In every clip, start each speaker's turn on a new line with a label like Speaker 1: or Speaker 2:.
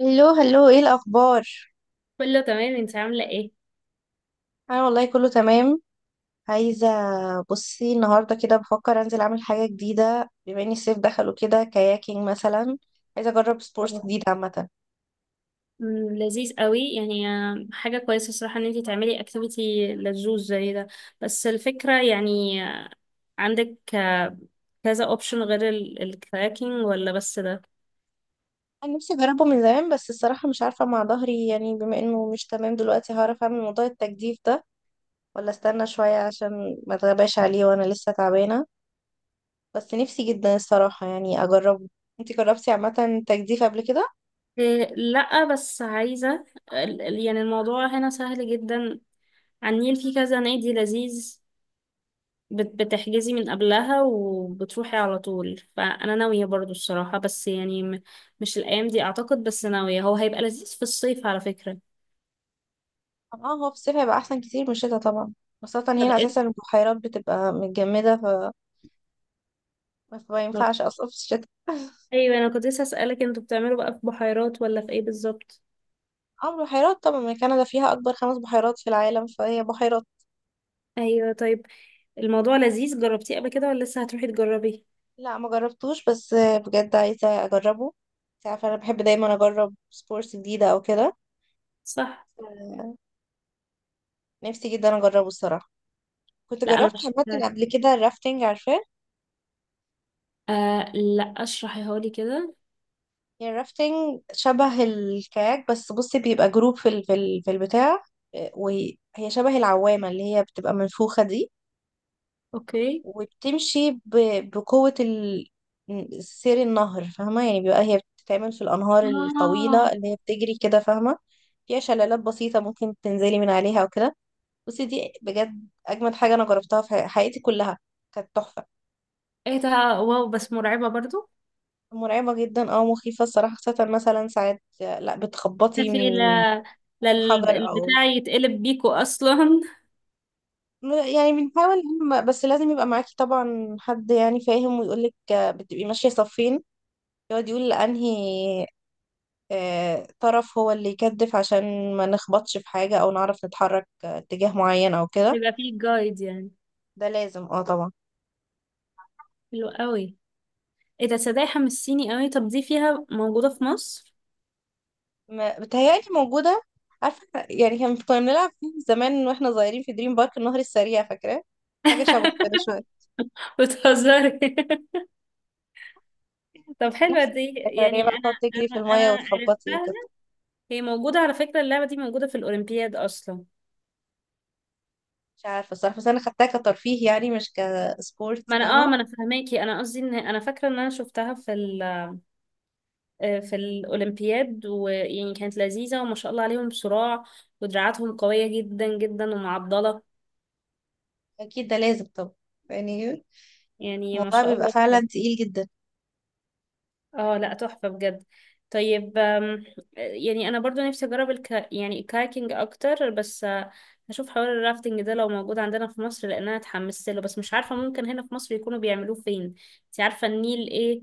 Speaker 1: هلو هلو، ايه الاخبار؟
Speaker 2: كله تمام، انت عاملة ايه؟
Speaker 1: انا والله كله تمام. عايزه بصي، النهارده كده بفكر انزل اعمل حاجه جديده، بما ان الصيف دخل وكده، كاياكينج مثلا. عايزه اجرب سبورتس
Speaker 2: اه،
Speaker 1: جديد عامه.
Speaker 2: لذيذ قوي يعني، حاجة كويسة الصراحة ان انتي تعملي اكتيفيتي لذوذ زي ده. بس الفكرة يعني عندك كذا اوبشن غير الكراكنج، ولا بس ده؟
Speaker 1: انا نفسي اجربه من زمان، بس الصراحه مش عارفه مع ظهري، يعني بما انه مش تمام دلوقتي هعرف اعمل موضوع التجديف ده ولا استنى شويه عشان ما اتغباش عليه وانا لسه تعبانه. بس نفسي جدا الصراحه يعني اجربه. انتي جربتي عامه تجديف قبل كده؟
Speaker 2: إيه لا، بس عايزة يعني الموضوع هنا سهل جدا، على النيل في كذا نادي لذيذ، بتحجزي من قبلها وبتروحي على طول، فأنا ناوية برضو الصراحة، بس يعني مش الأيام دي أعتقد، بس ناوية، هو هيبقى لذيذ في الصيف على فكرة.
Speaker 1: اه، هو في الصيف هيبقى احسن كتير من الشتا طبعا. خاصة
Speaker 2: طب
Speaker 1: هنا اساسا
Speaker 2: ايه.
Speaker 1: البحيرات بتبقى متجمدة، ف ما
Speaker 2: طب-
Speaker 1: ينفعش اصلا في الشتا.
Speaker 2: ايوه انا كنت لسه اسالك، انتوا بتعملوا بقى في بحيرات ولا في ايه بالظبط؟
Speaker 1: اه، بحيرات طبعا، ما كندا فيها اكبر خمس بحيرات في العالم، فهي بحيرات.
Speaker 2: ايوه طيب، الموضوع لذيذ، جربتيه قبل كده ولا لسه هتروحي تجربيه؟
Speaker 1: لا، ما جربتوش بس بجد عايزة اجربه. انت عارفة انا بحب دايما اجرب سبورتس جديدة او كده.
Speaker 2: صح.
Speaker 1: نفسي جدا اجربه الصراحة. كنت
Speaker 2: لا انا
Speaker 1: جربت
Speaker 2: مش فاكراها.
Speaker 1: عامة قبل كده الرافتنج، عارفاه.
Speaker 2: آه لا، اشرحيها لي كده.
Speaker 1: هي الرافتنج شبه الكاياك، بس بصي بيبقى جروب في البتاع. وهي شبه العوامة اللي هي بتبقى منفوخة دي.
Speaker 2: اوكي.
Speaker 1: وبتمشي بقوة سير النهر، فاهمة؟ يعني بيبقى هي بتتعمل في الأنهار
Speaker 2: اه،
Speaker 1: الطويلة اللي هي بتجري كده، فاهمة؟ فيها شلالات بسيطة ممكن تنزلي من عليها أو كده. بصي، دي بجد أجمد حاجة أنا جربتها في حياتي كلها. كانت تحفة.
Speaker 2: ايه ده، واو، بس مرعبه برضو.
Speaker 1: مرعبة جدا، مخيفة الصراحة، خاصة مثلا ساعات لا بتخبطي من
Speaker 2: لا لا،
Speaker 1: حجر أو.
Speaker 2: البتاع يتقلب بيكو اصلا
Speaker 1: يعني بنحاول إن بس لازم يبقى معاكي طبعا حد يعني فاهم ويقولك بتبقي ماشية صفين. يقعد يقول لأنهي طرف هو اللي يكدف عشان ما نخبطش في حاجة أو نعرف نتحرك اتجاه معين أو كده.
Speaker 2: يبقى فيه جايد يعني.
Speaker 1: ده لازم اه طبعا.
Speaker 2: حلو قوي. ايه ده، صدقني حمسيني قوي. طب دي فيها موجوده في مصر؟
Speaker 1: بتهيألي موجودة. عارفة يعني كنا بنلعب فيه زمان واحنا صغيرين في دريم بارك، النهر السريع فاكرة؟ حاجة شبه كده شوية.
Speaker 2: بتهزري. طب حلوة
Speaker 1: نفس
Speaker 2: دي،
Speaker 1: الفكرة إن هي
Speaker 2: يعني
Speaker 1: بقى
Speaker 2: أنا
Speaker 1: تقعد تجري
Speaker 2: أنا
Speaker 1: في المية
Speaker 2: أنا
Speaker 1: وتخبطي
Speaker 2: عرفتها،
Speaker 1: وكده.
Speaker 2: هي موجودة على فكرة، اللعبة دي موجودة في الأولمبياد أصلا.
Speaker 1: مش عارفة الصراحة، بس أنا خدتها كترفيه يعني، مش كسبورت،
Speaker 2: ما أنا، آه
Speaker 1: فاهمة؟
Speaker 2: ما أنا فهماكي، أنا قصدي إن أنا فاكرة إن أنا شفتها في ال آه، في الأولمبياد، ويعني كانت لذيذة وما شاء الله عليهم، صراع، ودراعاتهم قوية جدا جدا ومعضلة،
Speaker 1: اكيد ده لازم طبعا. يعني
Speaker 2: يعني ما
Speaker 1: الموضوع
Speaker 2: شاء
Speaker 1: بيبقى
Speaker 2: الله.
Speaker 1: فعلا تقيل جدا.
Speaker 2: اه لا، تحفة بجد. طيب، يعني انا برضو نفسي اجرب يعني الكايكنج اكتر، بس هشوف حوار الرافتنج ده لو موجود عندنا في مصر، لان انا اتحمست له، بس مش عارفة ممكن هنا في مصر يكونوا بيعملوه فين. انت عارفة النيل ايه،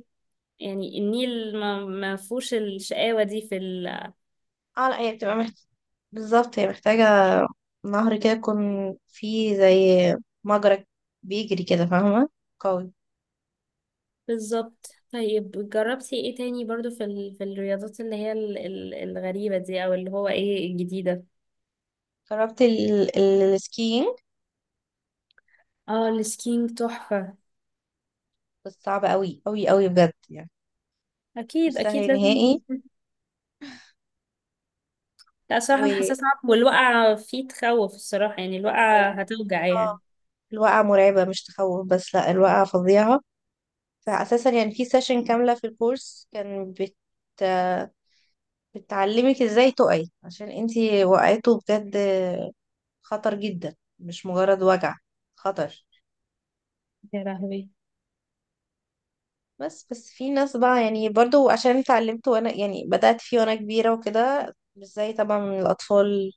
Speaker 2: يعني النيل ما فيهوش الشقاوة دي في
Speaker 1: اه لا هي بتبقى محتاجة، بالظبط هي محتاجة نهر كده يكون فيه زي مجرى بيجري كده، فاهمة؟ قوي.
Speaker 2: بالظبط. طيب، جربتي ايه تاني برضو في في الرياضات اللي هي الغريبة دي، او اللي هو ايه الجديدة؟
Speaker 1: جربت السكينج.
Speaker 2: اه، السكينج تحفة.
Speaker 1: بس صعب قوي قوي قوي بجد يعني. مش
Speaker 2: اكيد اكيد
Speaker 1: سهل
Speaker 2: لازم.
Speaker 1: نهائي.
Speaker 2: لا صراحة
Speaker 1: و
Speaker 2: أنا حاسة صعب، والوقعة فيه تخوف الصراحة، يعني الوقعة هتوجع
Speaker 1: اه
Speaker 2: يعني.
Speaker 1: الوقعة مرعبة، مش تخوف بس، لا الوقعة فظيعة. فأساسا يعني في سيشن كاملة في الكورس كان بتعلمك ازاي تقعي، عشان انتي وقعته بجد خطر جدا مش مجرد وجع، خطر.
Speaker 2: يا لهوي.
Speaker 1: بس في ناس بقى يعني، برضو عشان اتعلمت وانا يعني بدأت فيه وانا كبيرة وكده، مش زي طبعا من الأطفال.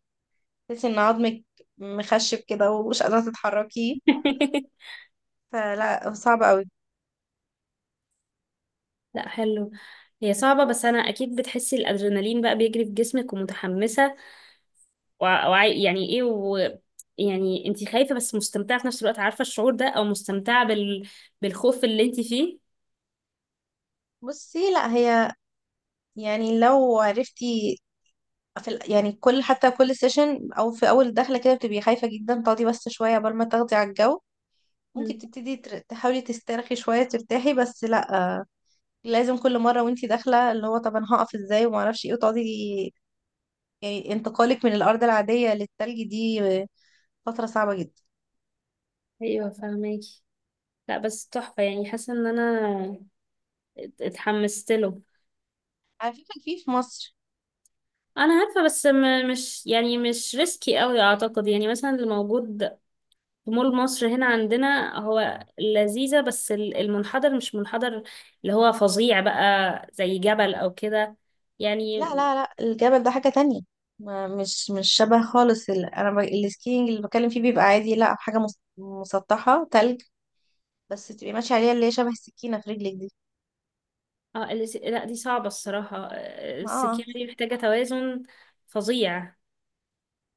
Speaker 1: تحسي ان عظمك مخشب كده ومش قادرة تتحركيه. فلا صعب قوي.
Speaker 2: لا حلو، هي صعبة، بس أنا أكيد بتحسي الأدرينالين بقى بيجري في جسمك ومتحمسة، يعني إيه، يعني أنت خايفة بس مستمتعة في نفس الوقت، عارفة الشعور ده، أو مستمتعة بالخوف اللي أنت فيه.
Speaker 1: بصي لا، هي يعني لو عرفتي يعني كل، حتى كل سيشن او في اول دخله كده بتبقي خايفه جدا تقعدي بس شويه قبل ما تاخدي على الجو. ممكن
Speaker 2: مم.
Speaker 1: تبتدي تحاولي تسترخي شويه ترتاحي، بس لا، لازم كل مرة وانتي داخلة اللي هو طب انا هقف ازاي وما اعرفش ايه وتقعدي. يعني انتقالك من الارض العادية للتلج دي فترة صعبة جدا.
Speaker 2: أيوه فاهماكي. لا بس تحفة، يعني حاسة إن أنا اتحمست له.
Speaker 1: على فكرة في مصر.
Speaker 2: أنا عارفة، بس مش يعني مش ريسكي أوي أعتقد، يعني مثلا اللي موجود في مول مصر هنا عندنا هو لذيذة، بس المنحدر مش منحدر اللي هو فظيع بقى، زي جبل أو كده يعني.
Speaker 1: لا لا لا، الجبل ده حاجة تانية. ما مش شبه خالص انا السكينج اللي بتكلم فيه بيبقى عادي، لا حاجة مسطحة تلج، بس تبقي ماشية عليها اللي هي شبه السكينة في رجلك دي.
Speaker 2: اه لا دي صعبة الصراحة،
Speaker 1: ما اه.
Speaker 2: السكيورتي دي محتاجة توازن فظيع.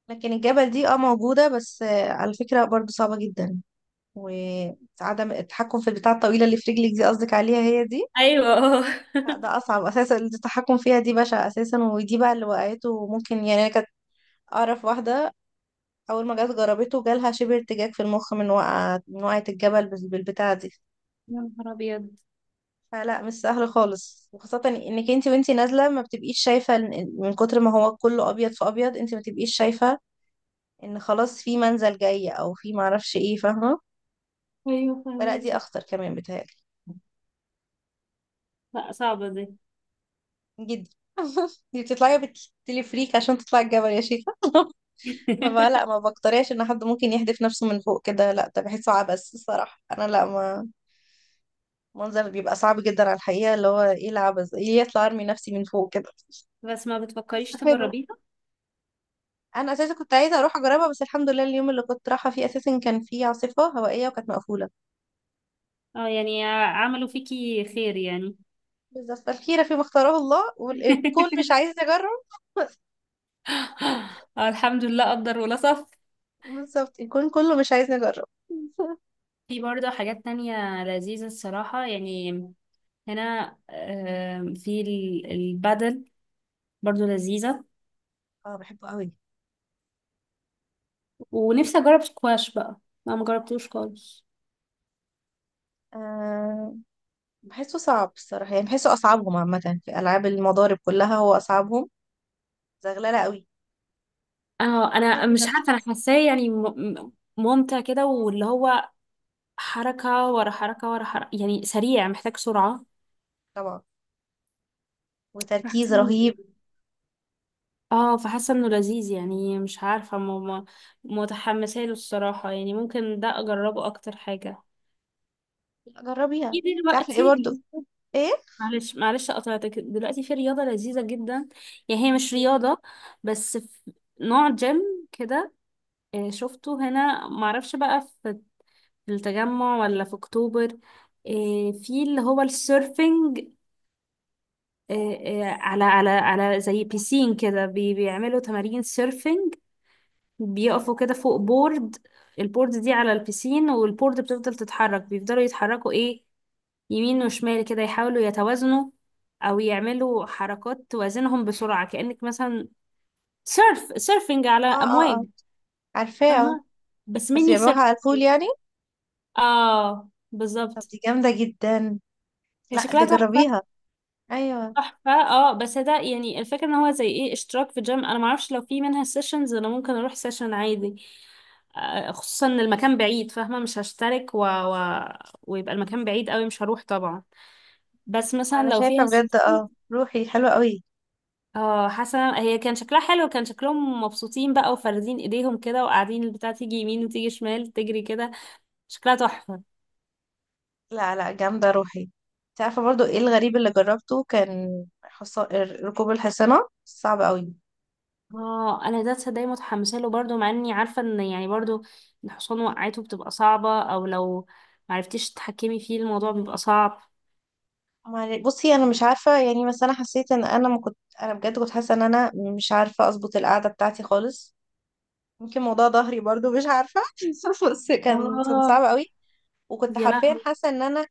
Speaker 1: لكن الجبل دي موجودة بس على فكرة برضو صعبة جدا. وعدم التحكم في البتاعة الطويلة اللي في رجلك دي قصدك، عليها هي دي.
Speaker 2: أيوة اه.
Speaker 1: لا ده اصعب اساسا، التحكم فيها دي بشع اساسا. ودي بقى اللي وقعته ممكن يعني، أنا كانت اعرف واحده اول ما جت جربته جالها شبه ارتجاج في المخ من وقعه الجبل بالبتاعه دي.
Speaker 2: يا نهار أبيض.
Speaker 1: فلا مش سهل خالص، وخاصه انك انت وانتي نازله ما بتبقيش شايفه من كتر ما هو كله ابيض في ابيض، انت ما تبقيش شايفه ان خلاص في منزل جاي او في معرفش ايه، فاهمه؟
Speaker 2: أيوة
Speaker 1: فلا دي
Speaker 2: فهماكي.
Speaker 1: اخطر كمان بتهيألي،
Speaker 2: لا صعبة دي.
Speaker 1: جدا. دي بتطلعي بالتليفريك عشان تطلعي الجبل يا شيخة. فما لا، ما بقترحش ان حد ممكن يحدف نفسه من فوق كده، لا ده بحسه عبث الصراحه، انا لا ما. منظر بيبقى صعب جدا على الحقيقه، اللي هو ايه العبث، ايه يطلع ارمي نفسي من فوق كده.
Speaker 2: بس ما بتفكريش
Speaker 1: استفادوا.
Speaker 2: تجربيها؟
Speaker 1: انا اساسا كنت عايزه اروح اجربها، بس الحمد لله اليوم اللي كنت رايحه فيه اساسا كان فيه عاصفه هوائيه وكانت مقفوله.
Speaker 2: اه، يعني عملوا فيكي خير يعني.
Speaker 1: بالظبط، الخيره فيما اختاره الله، والكون مش عايز نجرب.
Speaker 2: الحمد لله قدر ولا صف.
Speaker 1: بالظبط الكون كله مش عايز نجرب.
Speaker 2: في برضه حاجات تانية لذيذة الصراحة يعني، هنا في البادل برضه لذيذة،
Speaker 1: اه بحبه قوي.
Speaker 2: ونفسي أجرب سكواش بقى، ما مجربتوش خالص.
Speaker 1: آه بحسه صعب الصراحه، يعني بحسه اصعبهم عامه. في العاب المضارب كلها هو اصعبهم، زغلله قوي.
Speaker 2: اه انا
Speaker 1: حاربي
Speaker 2: مش
Speaker 1: نفسك.
Speaker 2: عارفه، انا حاساه يعني ممتع كده، واللي هو حركه ورا حركه ورا حركه، يعني سريع محتاج سرعه.
Speaker 1: طبعا، وتركيز
Speaker 2: فحاسه إنه-
Speaker 1: رهيب.
Speaker 2: اه فحاسه انه لذيذ، يعني مش عارفه متحمسه له الصراحه، يعني ممكن ده اجربه اكتر حاجه.
Speaker 1: لا، جربيها.
Speaker 2: في
Speaker 1: انت عارفه ايه؟
Speaker 2: دلوقتي،
Speaker 1: برضو ايه؟
Speaker 2: معلش معلش قطعتك، دلوقتي في رياضة لذيذة جدا، يعني هي مش رياضة بس في نوع جيم كده، شفته هنا معرفش بقى في التجمع ولا في اكتوبر، في اللي هو السيرفنج، آه، على زي بيسين كده، بيعملوا تمارين سيرفنج. بيقفوا كده فوق بورد، البورد دي على البيسين، والبورد بتفضل تتحرك، بيفضلوا يتحركوا ايه، يمين وشمال كده، يحاولوا يتوازنوا، او يعملوا حركات توازنهم بسرعة، كأنك مثلا سيرفنج على
Speaker 1: اه اه
Speaker 2: امواج،
Speaker 1: اه، عارفاه اه.
Speaker 2: فاهمة، بس
Speaker 1: بس
Speaker 2: ميني سيرف.
Speaker 1: بيعملوها على الفول يعني.
Speaker 2: اه
Speaker 1: طب
Speaker 2: بالظبط.
Speaker 1: دي جامده جدا.
Speaker 2: هي
Speaker 1: لا، دي
Speaker 2: شكلها
Speaker 1: جربيها.
Speaker 2: تحفة.
Speaker 1: ايوه،
Speaker 2: تحفة اه، بس ده يعني الفكرة ان هو زي ايه اشتراك في جيم، انا معرفش لو في منها سيشنز انا ممكن اروح سيشن عادي، خصوصا ان المكان بعيد، فاهمة مش هشترك ويبقى المكان بعيد قوي مش هروح طبعا، بس مثلا
Speaker 1: انا
Speaker 2: لو
Speaker 1: شايفه
Speaker 2: فيها.
Speaker 1: بجد روحي حلوه قوي.
Speaker 2: اه حسنا، هي كان شكلها حلو، كان شكلهم مبسوطين بقى، وفاردين ايديهم كده، وقاعدين البتاع تيجي يمين وتيجي شمال تجري كده، شكلها تحفة.
Speaker 1: لا لا، جامده، روحي. انت عارفه برضو ايه الغريب اللي جربته؟ كان ركوب الحصانه صعب قوي.
Speaker 2: اه انا ده تصدقي متحمسه له برضو، مع اني عارفه ان يعني برضو الحصان وقعته بتبقى صعبه، او لو معرفتيش تتحكمي فيه الموضوع بيبقى صعب.
Speaker 1: بصي انا مش عارفه يعني، بس انا حسيت ان انا ما كنت، انا بجد كنت حاسه ان انا مش عارفه اظبط القعده بتاعتي خالص. يمكن موضوع ظهري برضو، مش عارفة. بس كان
Speaker 2: اه،
Speaker 1: صعب قوي. وكنت
Speaker 2: يا
Speaker 1: حرفيا
Speaker 2: لهوي.
Speaker 1: حاسة ان انا،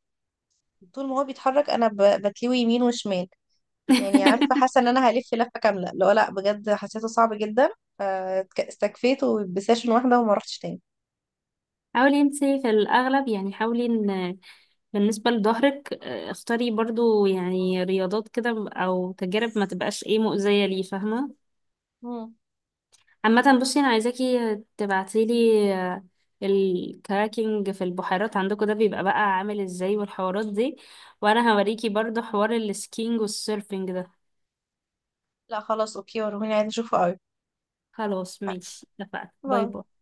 Speaker 1: طول ما هو بيتحرك انا بتلوي يمين وشمال. يعني عارفة، حاسة ان انا هلف لفة كاملة. لا لا بجد حسيته صعب جدا. استكفيت وبسيشن واحدة وما رحتش تاني.
Speaker 2: حاولي انتي في الاغلب، يعني حاولي ان بالنسبه لظهرك اختاري برضو يعني رياضات كده او تجارب، ما تبقاش ايه مؤذيه ليه فاهمه.
Speaker 1: مم.
Speaker 2: عامة بصي، انا عايزاكي تبعتيلي الكراكنج في البحيرات عندكم ده بيبقى بقى عامل ازاي والحوارات دي، وانا هوريكي برضو حوار السكينج والسيرفنج ده.
Speaker 1: لا خلاص، اوكي، وروني، عايزة اشوفه قوي.
Speaker 2: خلاص ماشي اتفقنا، باي
Speaker 1: باي.
Speaker 2: باي.